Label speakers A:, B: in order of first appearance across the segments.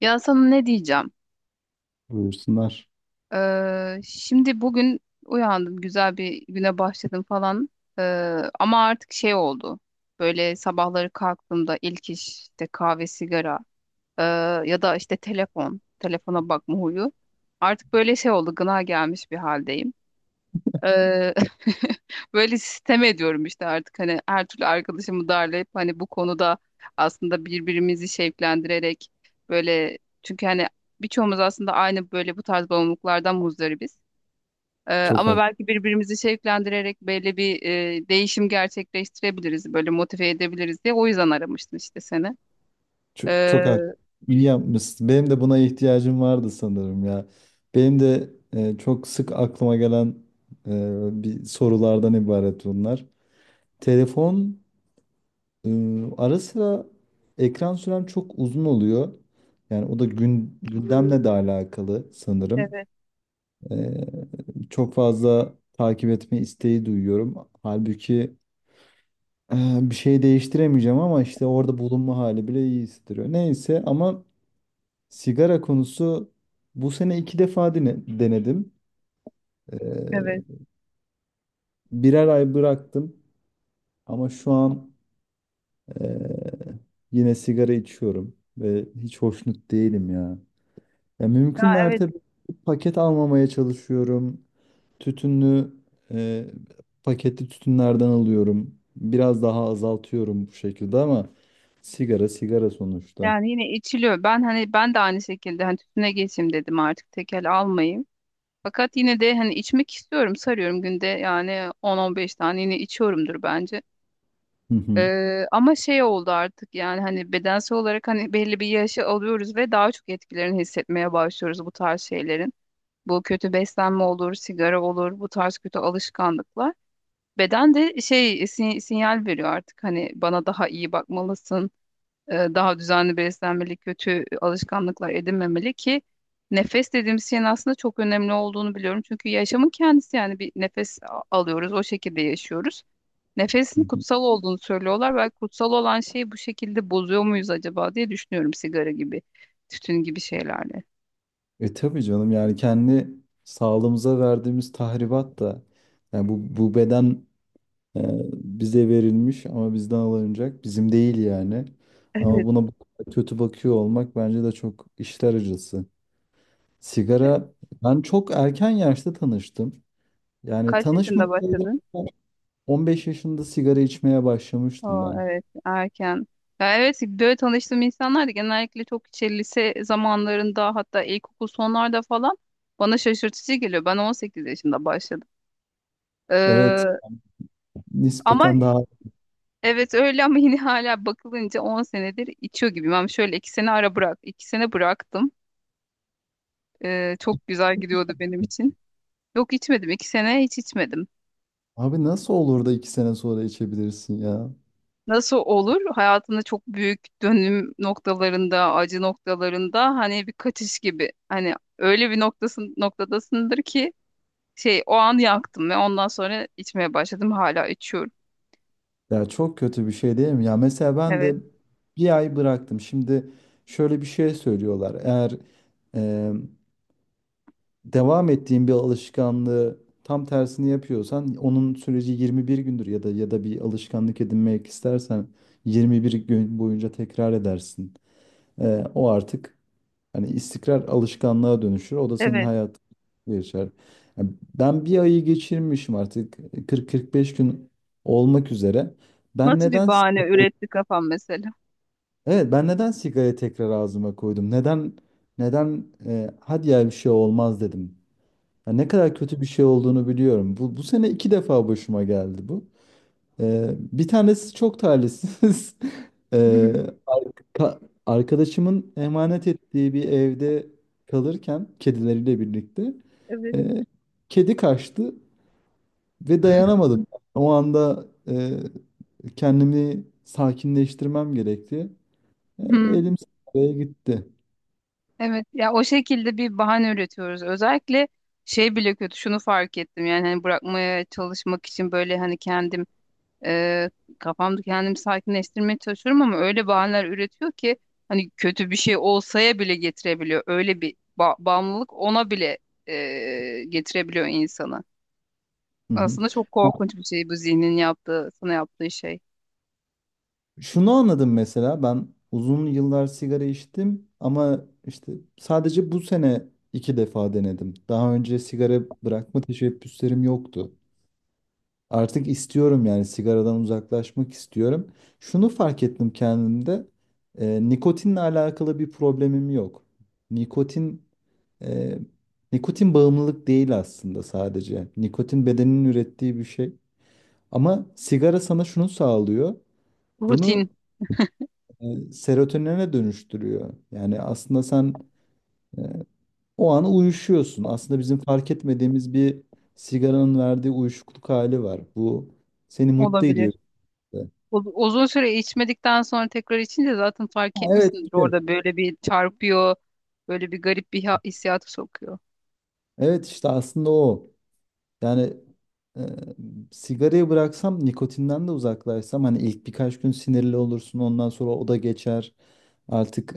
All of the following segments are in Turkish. A: Ya sana ne diyeceğim?
B: Buyursunlar.
A: Şimdi bugün uyandım, güzel bir güne başladım falan. Ee, Ama artık şey oldu. Böyle sabahları kalktığımda ilk iş işte kahve, sigara ee, ya da işte telefon, telefona bakma huyu. Artık böyle şey oldu, gına gelmiş bir haldeyim. Eee, böyle sistem ediyorum işte artık hani her türlü arkadaşımı darlayıp hani bu konuda aslında birbirimizi şevklendirerek böyle çünkü hani birçoğumuz aslında aynı böyle bu tarz bağımlılıklardan muzdaribiz.
B: Çok
A: Ama
B: hak,
A: belki birbirimizi şevklendirerek böyle bir değişim gerçekleştirebiliriz, böyle motive edebiliriz diye o yüzden aramıştım işte seni.
B: çok, çok
A: Eee,
B: hak. İyi yapmışsın. Benim de buna ihtiyacım vardı sanırım ya. Benim de çok sık aklıma gelen bir sorulardan ibaret bunlar. Telefon, e, ara sıra ekran sürem çok uzun oluyor. Yani o da gündemle de alakalı sanırım.
A: Evet,
B: Çok fazla takip etme isteği duyuyorum. Halbuki bir şey değiştiremeyeceğim, ama işte orada bulunma hali bile iyi hissettiriyor. Neyse, ama sigara konusu, bu sene iki defa denedim. Ee,
A: evet.
B: birer ay bıraktım ama şu an ee, yine sigara içiyorum ve hiç hoşnut değilim ya. Ya
A: Ha,
B: mümkün
A: evet
B: mertebe paket almamaya çalışıyorum. Tütünlü, ee, paketli tütünlerden alıyorum. Biraz daha azaltıyorum bu şekilde ama sigara sigara sonuçta.
A: yani yine içiliyor. Ben hani ben de aynı şekilde hani tütüne geçeyim dedim artık tekel almayayım. Fakat yine de hani içmek istiyorum, sarıyorum günde yani 10-15 tane yine içiyorumdur bence. Ama şey oldu artık yani hani bedensel olarak hani belli bir yaşı alıyoruz ve daha çok etkilerini hissetmeye başlıyoruz bu tarz şeylerin. Bu kötü beslenme olur, sigara olur, bu tarz kötü alışkanlıklar. Beden de şey sinyal veriyor artık hani bana daha iyi bakmalısın, daha düzenli beslenmeli, kötü alışkanlıklar edinmemeli ki nefes dediğimiz şeyin aslında çok önemli olduğunu biliyorum. Çünkü yaşamın kendisi yani bir nefes alıyoruz, o şekilde yaşıyoruz.
B: Hı
A: Nefesin
B: hı.
A: kutsal olduğunu söylüyorlar. Belki kutsal olan şeyi bu şekilde bozuyor muyuz acaba diye düşünüyorum sigara gibi, tütün gibi şeylerle.
B: E tabii canım, yani kendi sağlığımıza verdiğimiz tahribat da, yani bu beden e, bize verilmiş ama bizden alınacak, bizim değil yani. Ama
A: Evet.
B: buna bu kadar kötü bakıyor olmak bence de çok işler acısı. Sigara, ben çok erken yaşta tanıştım. Yani
A: Kaç yaşında
B: tanışmasaydım,
A: başladın?
B: 15 yaşında sigara içmeye başlamıştım
A: Oo,
B: ben.
A: evet erken. Ya evet böyle tanıştığım insanlar da genellikle çok işte lise zamanlarında hatta ilkokul sonlarda falan bana şaşırtıcı geliyor. Ben 18 yaşında başladım.
B: Evet,
A: Ee, ama
B: nispeten daha…
A: Evet, öyle ama yine hala bakılınca 10 senedir içiyor gibiyim. Ama şöyle 2 sene ara bırak. 2 sene bıraktım. Çok güzel gidiyordu benim için. Yok içmedim. 2 sene hiç içmedim.
B: Abi, nasıl olur da 2 sene sonra içebilirsin ya?
A: Nasıl olur? Hayatında çok büyük dönüm noktalarında, acı noktalarında hani bir kaçış gibi. Hani öyle bir noktadasındır ki şey o an yaktım ve ondan sonra içmeye başladım. Hala içiyorum.
B: Ya çok kötü bir şey değil mi? Ya mesela ben de
A: Evet,
B: bir ay bıraktım. Şimdi şöyle bir şey söylüyorlar. Eğer e, devam ettiğin bir alışkanlığı tam tersini yapıyorsan, onun süreci 21 gündür, ya da ya da bir alışkanlık edinmek istersen 21 gün boyunca tekrar edersin. O artık hani istikrar alışkanlığa dönüşür. O da senin
A: evet.
B: hayatın geçer. Ya, ben bir ayı geçirmişim artık, 40-45 gün olmak üzere. Ben
A: Nasıl bir
B: neden…
A: bahane üretti kafam mesela?
B: Evet, ben neden sigarayı tekrar ağzıma koydum? Neden neden hadi ya bir şey olmaz dedim. Ya ne kadar kötü bir şey olduğunu biliyorum. Bu sene iki defa başıma geldi bu. E, bir tanesi çok talihsiz. E, ka- arkadaşımın emanet ettiği bir evde kalırken, kedileriyle birlikte,
A: Evet.
B: e, kedi kaçtı ve dayanamadım. O anda kendimi sakinleştirmem gerekti. E,
A: Hmm,
B: elim sigaraya gitti.
A: evet. Ya o şekilde bir bahane üretiyoruz. Özellikle şey bile kötü. Şunu fark ettim. Yani hani bırakmaya çalışmak için böyle hani kendimi e, kafamda kendimi sakinleştirmeye çalışıyorum ama öyle bahaneler üretiyor ki hani kötü bir şey olsaya bile getirebiliyor. Öyle bir bağımlılık ona bile getirebiliyor insanı.
B: Hı hı.
A: Aslında çok
B: Ya,
A: korkunç bir şey bu zihnin yaptığı, sana yaptığı şey.
B: şunu anladım mesela, ben uzun yıllar sigara içtim ama işte sadece bu sene iki defa denedim. Daha önce sigara bırakma teşebbüslerim yoktu. Artık istiyorum, yani sigaradan uzaklaşmak istiyorum. Şunu fark ettim kendimde. Nikotinle alakalı bir problemim yok. Nikotin, e, bağımlılık değil aslında sadece. Nikotin bedenin ürettiği bir şey. Ama sigara sana şunu sağlıyor. Bunu
A: Rutin
B: serotonine dönüştürüyor. Yani aslında sen e, o an uyuşuyorsun. Aslında bizim fark etmediğimiz bir sigaranın verdiği uyuşukluk hali var. Bu seni mutlu ediyor.
A: olabilir.
B: Ha,
A: Uzun süre içmedikten sonra tekrar içince zaten fark
B: evet,
A: etmişsindir
B: işte.
A: orada böyle bir çarpıyor, böyle bir garip bir hissiyata sokuyor.
B: Evet işte, aslında o. Yani e, sigarayı bıraksam, nikotinden de uzaklaşsam, hani ilk birkaç gün sinirli olursun, ondan sonra o da geçer. Artık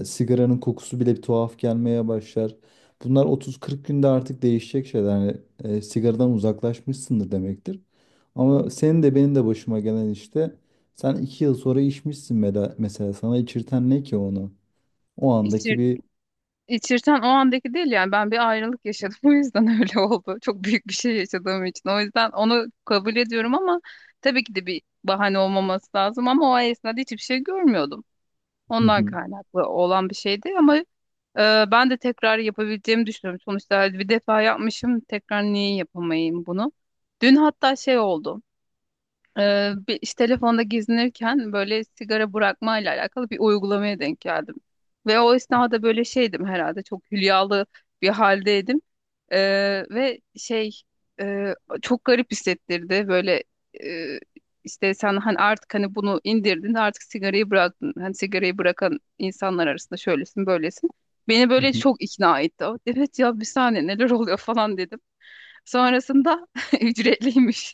B: sigaranın kokusu bile bir tuhaf gelmeye başlar. Bunlar 30-40 günde artık değişecek şeyler. Yani, sigaradan uzaklaşmışsındır demektir. Ama senin de benim de başıma gelen işte, sen 2 yıl sonra içmişsin, mesela sana içirten ne ki onu? O andaki bir…
A: İçirten o andaki değil yani ben bir ayrılık yaşadım bu yüzden öyle oldu. Çok büyük bir şey yaşadığım için. O yüzden onu kabul ediyorum ama tabii ki de bir bahane olmaması lazım ama o esnada hiçbir şey görmüyordum. Ondan kaynaklı olan bir şeydi ama ben de tekrar yapabileceğimi düşünüyorum. Sonuçta bir defa yapmışım tekrar niye yapamayayım bunu? Dün hatta şey oldu. İşte telefonda gezinirken böyle sigara bırakmayla alakalı bir uygulamaya denk geldim. Ve o esnada böyle şeydim herhalde çok hülyalı bir haldeydim. Ee, Ve şey e, çok garip hissettirdi böyle e, işte sen hani artık hani bunu indirdin artık sigarayı bıraktın. Hani sigarayı bırakan insanlar arasında şöylesin böylesin. Beni böyle çok ikna etti. Evet ya bir saniye neler oluyor falan dedim. Sonrasında ücretliymiş.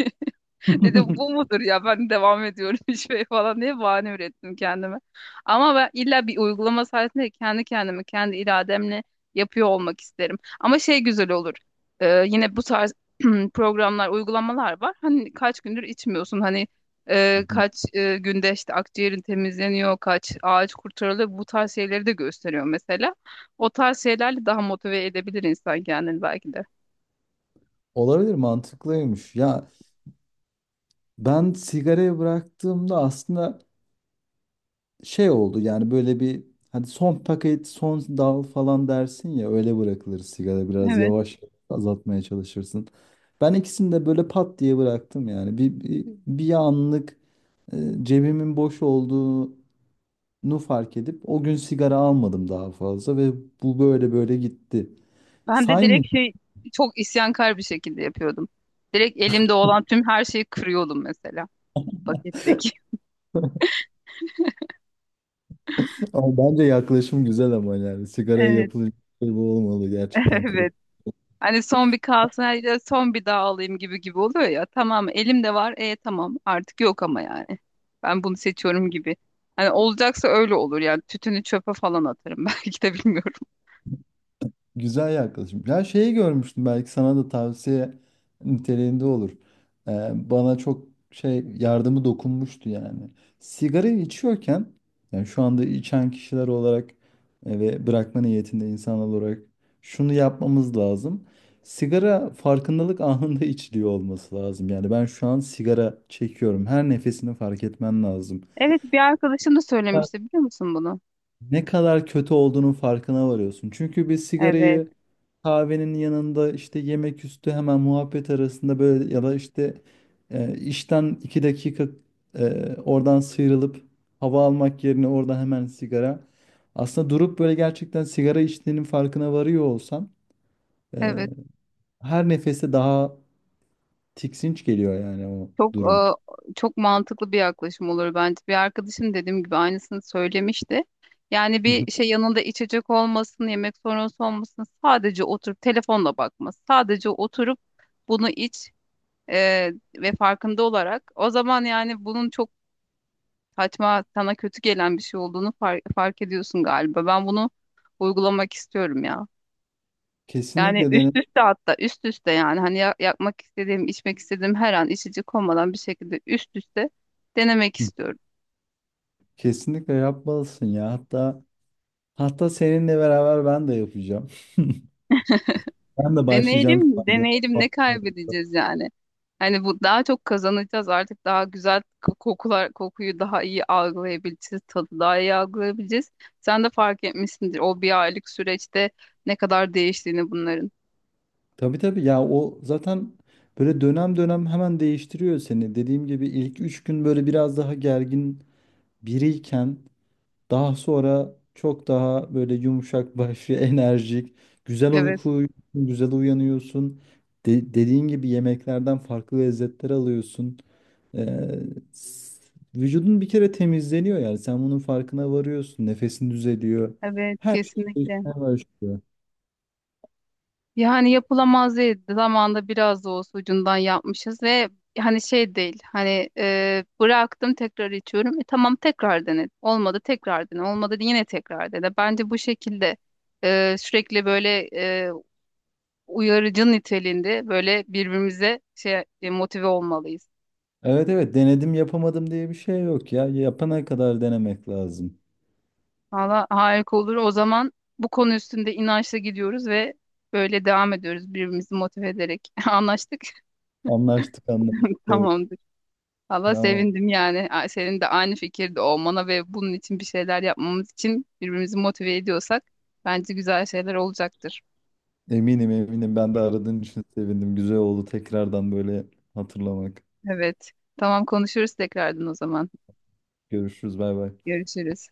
A: Dedim bu mudur ya ben devam ediyorum şey falan diye bahane ürettim kendime. Ama ben illa bir uygulama sayesinde kendi kendimi kendi irademle yapıyor olmak isterim. Ama şey güzel olur. Yine bu tarz programlar, uygulamalar var. Hani kaç gündür içmiyorsun. Hani kaç günde işte akciğerin temizleniyor, kaç ağaç kurtarılıyor. Bu tarz şeyleri de gösteriyor mesela. O tarz şeylerle daha motive edebilir insan kendini belki
B: Olabilir, mantıklıymış. Ya, ben sigarayı bıraktığımda aslında şey oldu, yani böyle bir, hani son paket son dal falan dersin ya, öyle bırakılır sigara, biraz
A: de.
B: yavaş azaltmaya çalışırsın. Ben ikisini de böyle pat diye bıraktım, yani bir, bir, bir anlık e, cebimin boş olduğunu fark edip o gün sigara almadım daha fazla ve bu böyle böyle gitti.
A: Ben de direkt
B: Saymıyorum.
A: şey çok isyankar bir şekilde yapıyordum. Direkt elimde olan tüm her şeyi kırıyordum mesela paketteki.
B: Ama bence yaklaşım güzel, ama yani sigaraya
A: Evet,
B: yapılacak şey bu olmalı, gerçekten kırıp…
A: evet. Hani son bir kalsın, hadi son bir daha alayım gibi gibi oluyor ya. Tamam elimde var, e tamam artık yok ama yani. Ben bunu seçiyorum gibi. Hani olacaksa öyle olur yani tütünü çöpe falan atarım belki de bilmiyorum.
B: Güzel yaklaşım. Ya şeyi görmüştüm, belki sana da tavsiye niteliğinde olur. Ee, bana çok şey yardımı dokunmuştu yani. Sigarayı içiyorken, yani şu anda içen kişiler olarak ve bırakma niyetinde insanlar olarak şunu yapmamız lazım. Sigara farkındalık anında içiliyor olması lazım. Yani ben şu an sigara çekiyorum. Her nefesini fark etmen lazım,
A: Evet, bir arkadaşım da söylemişti biliyor musun bunu?
B: ne kadar kötü olduğunun farkına varıyorsun. Çünkü bir
A: Evet.
B: sigarayı kahvenin yanında, işte yemek üstü, hemen muhabbet arasında böyle, ya da işte işten iki dakika oradan sıyrılıp hava almak yerine orada hemen sigara. Aslında durup böyle gerçekten sigara içtiğinin farkına varıyor olsan, e,
A: Evet.
B: her nefeste daha tiksinç geliyor yani o
A: Çok
B: durum.
A: çok mantıklı bir yaklaşım olur bence. Bir arkadaşım dediğim gibi aynısını söylemişti. Yani
B: Hı hı.
A: bir şey yanında içecek olmasın, yemek sonrası olmasın, sadece oturup telefonla bakması, sadece oturup bunu iç e, ve farkında olarak. O zaman yani bunun çok saçma, sana kötü gelen bir şey olduğunu fark ediyorsun galiba. Ben bunu uygulamak istiyorum ya. Yani
B: Kesinlikle
A: üst
B: dene.
A: üste hatta üst üste yani hani yapmak istediğim, içmek istediğim her an içecek olmadan bir şekilde üst üste denemek
B: Hı.
A: istiyorum.
B: Kesinlikle yapmalısın ya. Hatta hatta seninle beraber ben de yapacağım. Ben de başlayacağım şu
A: Deneyelim,
B: anda.
A: deneyelim ne kaybedeceğiz yani? Hani bu daha çok kazanacağız artık daha güzel kokular kokuyu daha iyi algılayabileceğiz, tadı daha iyi algılayabileceğiz. Sen de fark etmişsindir o 1 aylık süreçte ne kadar değiştiğini bunların.
B: Tabii tabii ya, o zaten böyle dönem dönem hemen değiştiriyor seni. Dediğim gibi ilk üç gün böyle biraz daha gergin biriyken, daha sonra çok daha böyle yumuşak başlı, enerjik, güzel
A: Evet,
B: uyku uyuyorsun, güzel uyanıyorsun. Dediğin gibi yemeklerden farklı lezzetler alıyorsun. Ee, s- vücudun bir kere temizleniyor, yani sen bunun farkına varıyorsun. Nefesin düzeliyor.
A: evet
B: Her şey
A: kesinlikle.
B: değişmeye başlıyor.
A: Yani yapılamaz değil. Zamanında biraz da olsa ucundan yapmışız ve hani şey değil. Hani bıraktım tekrar içiyorum. E, tamam tekrar dene. Olmadı tekrar dene. Olmadı yine tekrar dene. Bence bu şekilde sürekli böyle uyarıcı niteliğinde böyle birbirimize şey motive olmalıyız.
B: Evet evet, denedim yapamadım diye bir şey yok ya. Yapana kadar denemek lazım.
A: Valla harika olur. O zaman bu konu üstünde inançla gidiyoruz ve böyle devam ediyoruz birbirimizi motive ederek. Anlaştık.
B: Anlaştık anlaştık tabii.
A: Tamamdır. Valla
B: Tamam.
A: sevindim yani. A- Senin de aynı fikirde olmana ve bunun için bir şeyler yapmamız için birbirimizi motive ediyorsak bence güzel şeyler olacaktır.
B: Eminim eminim, ben de aradığın için sevindim. Güzel oldu tekrardan böyle hatırlamak.
A: Evet. Tamam konuşuruz tekrardan o zaman.
B: Görüşürüz, bay bay.
A: Görüşürüz.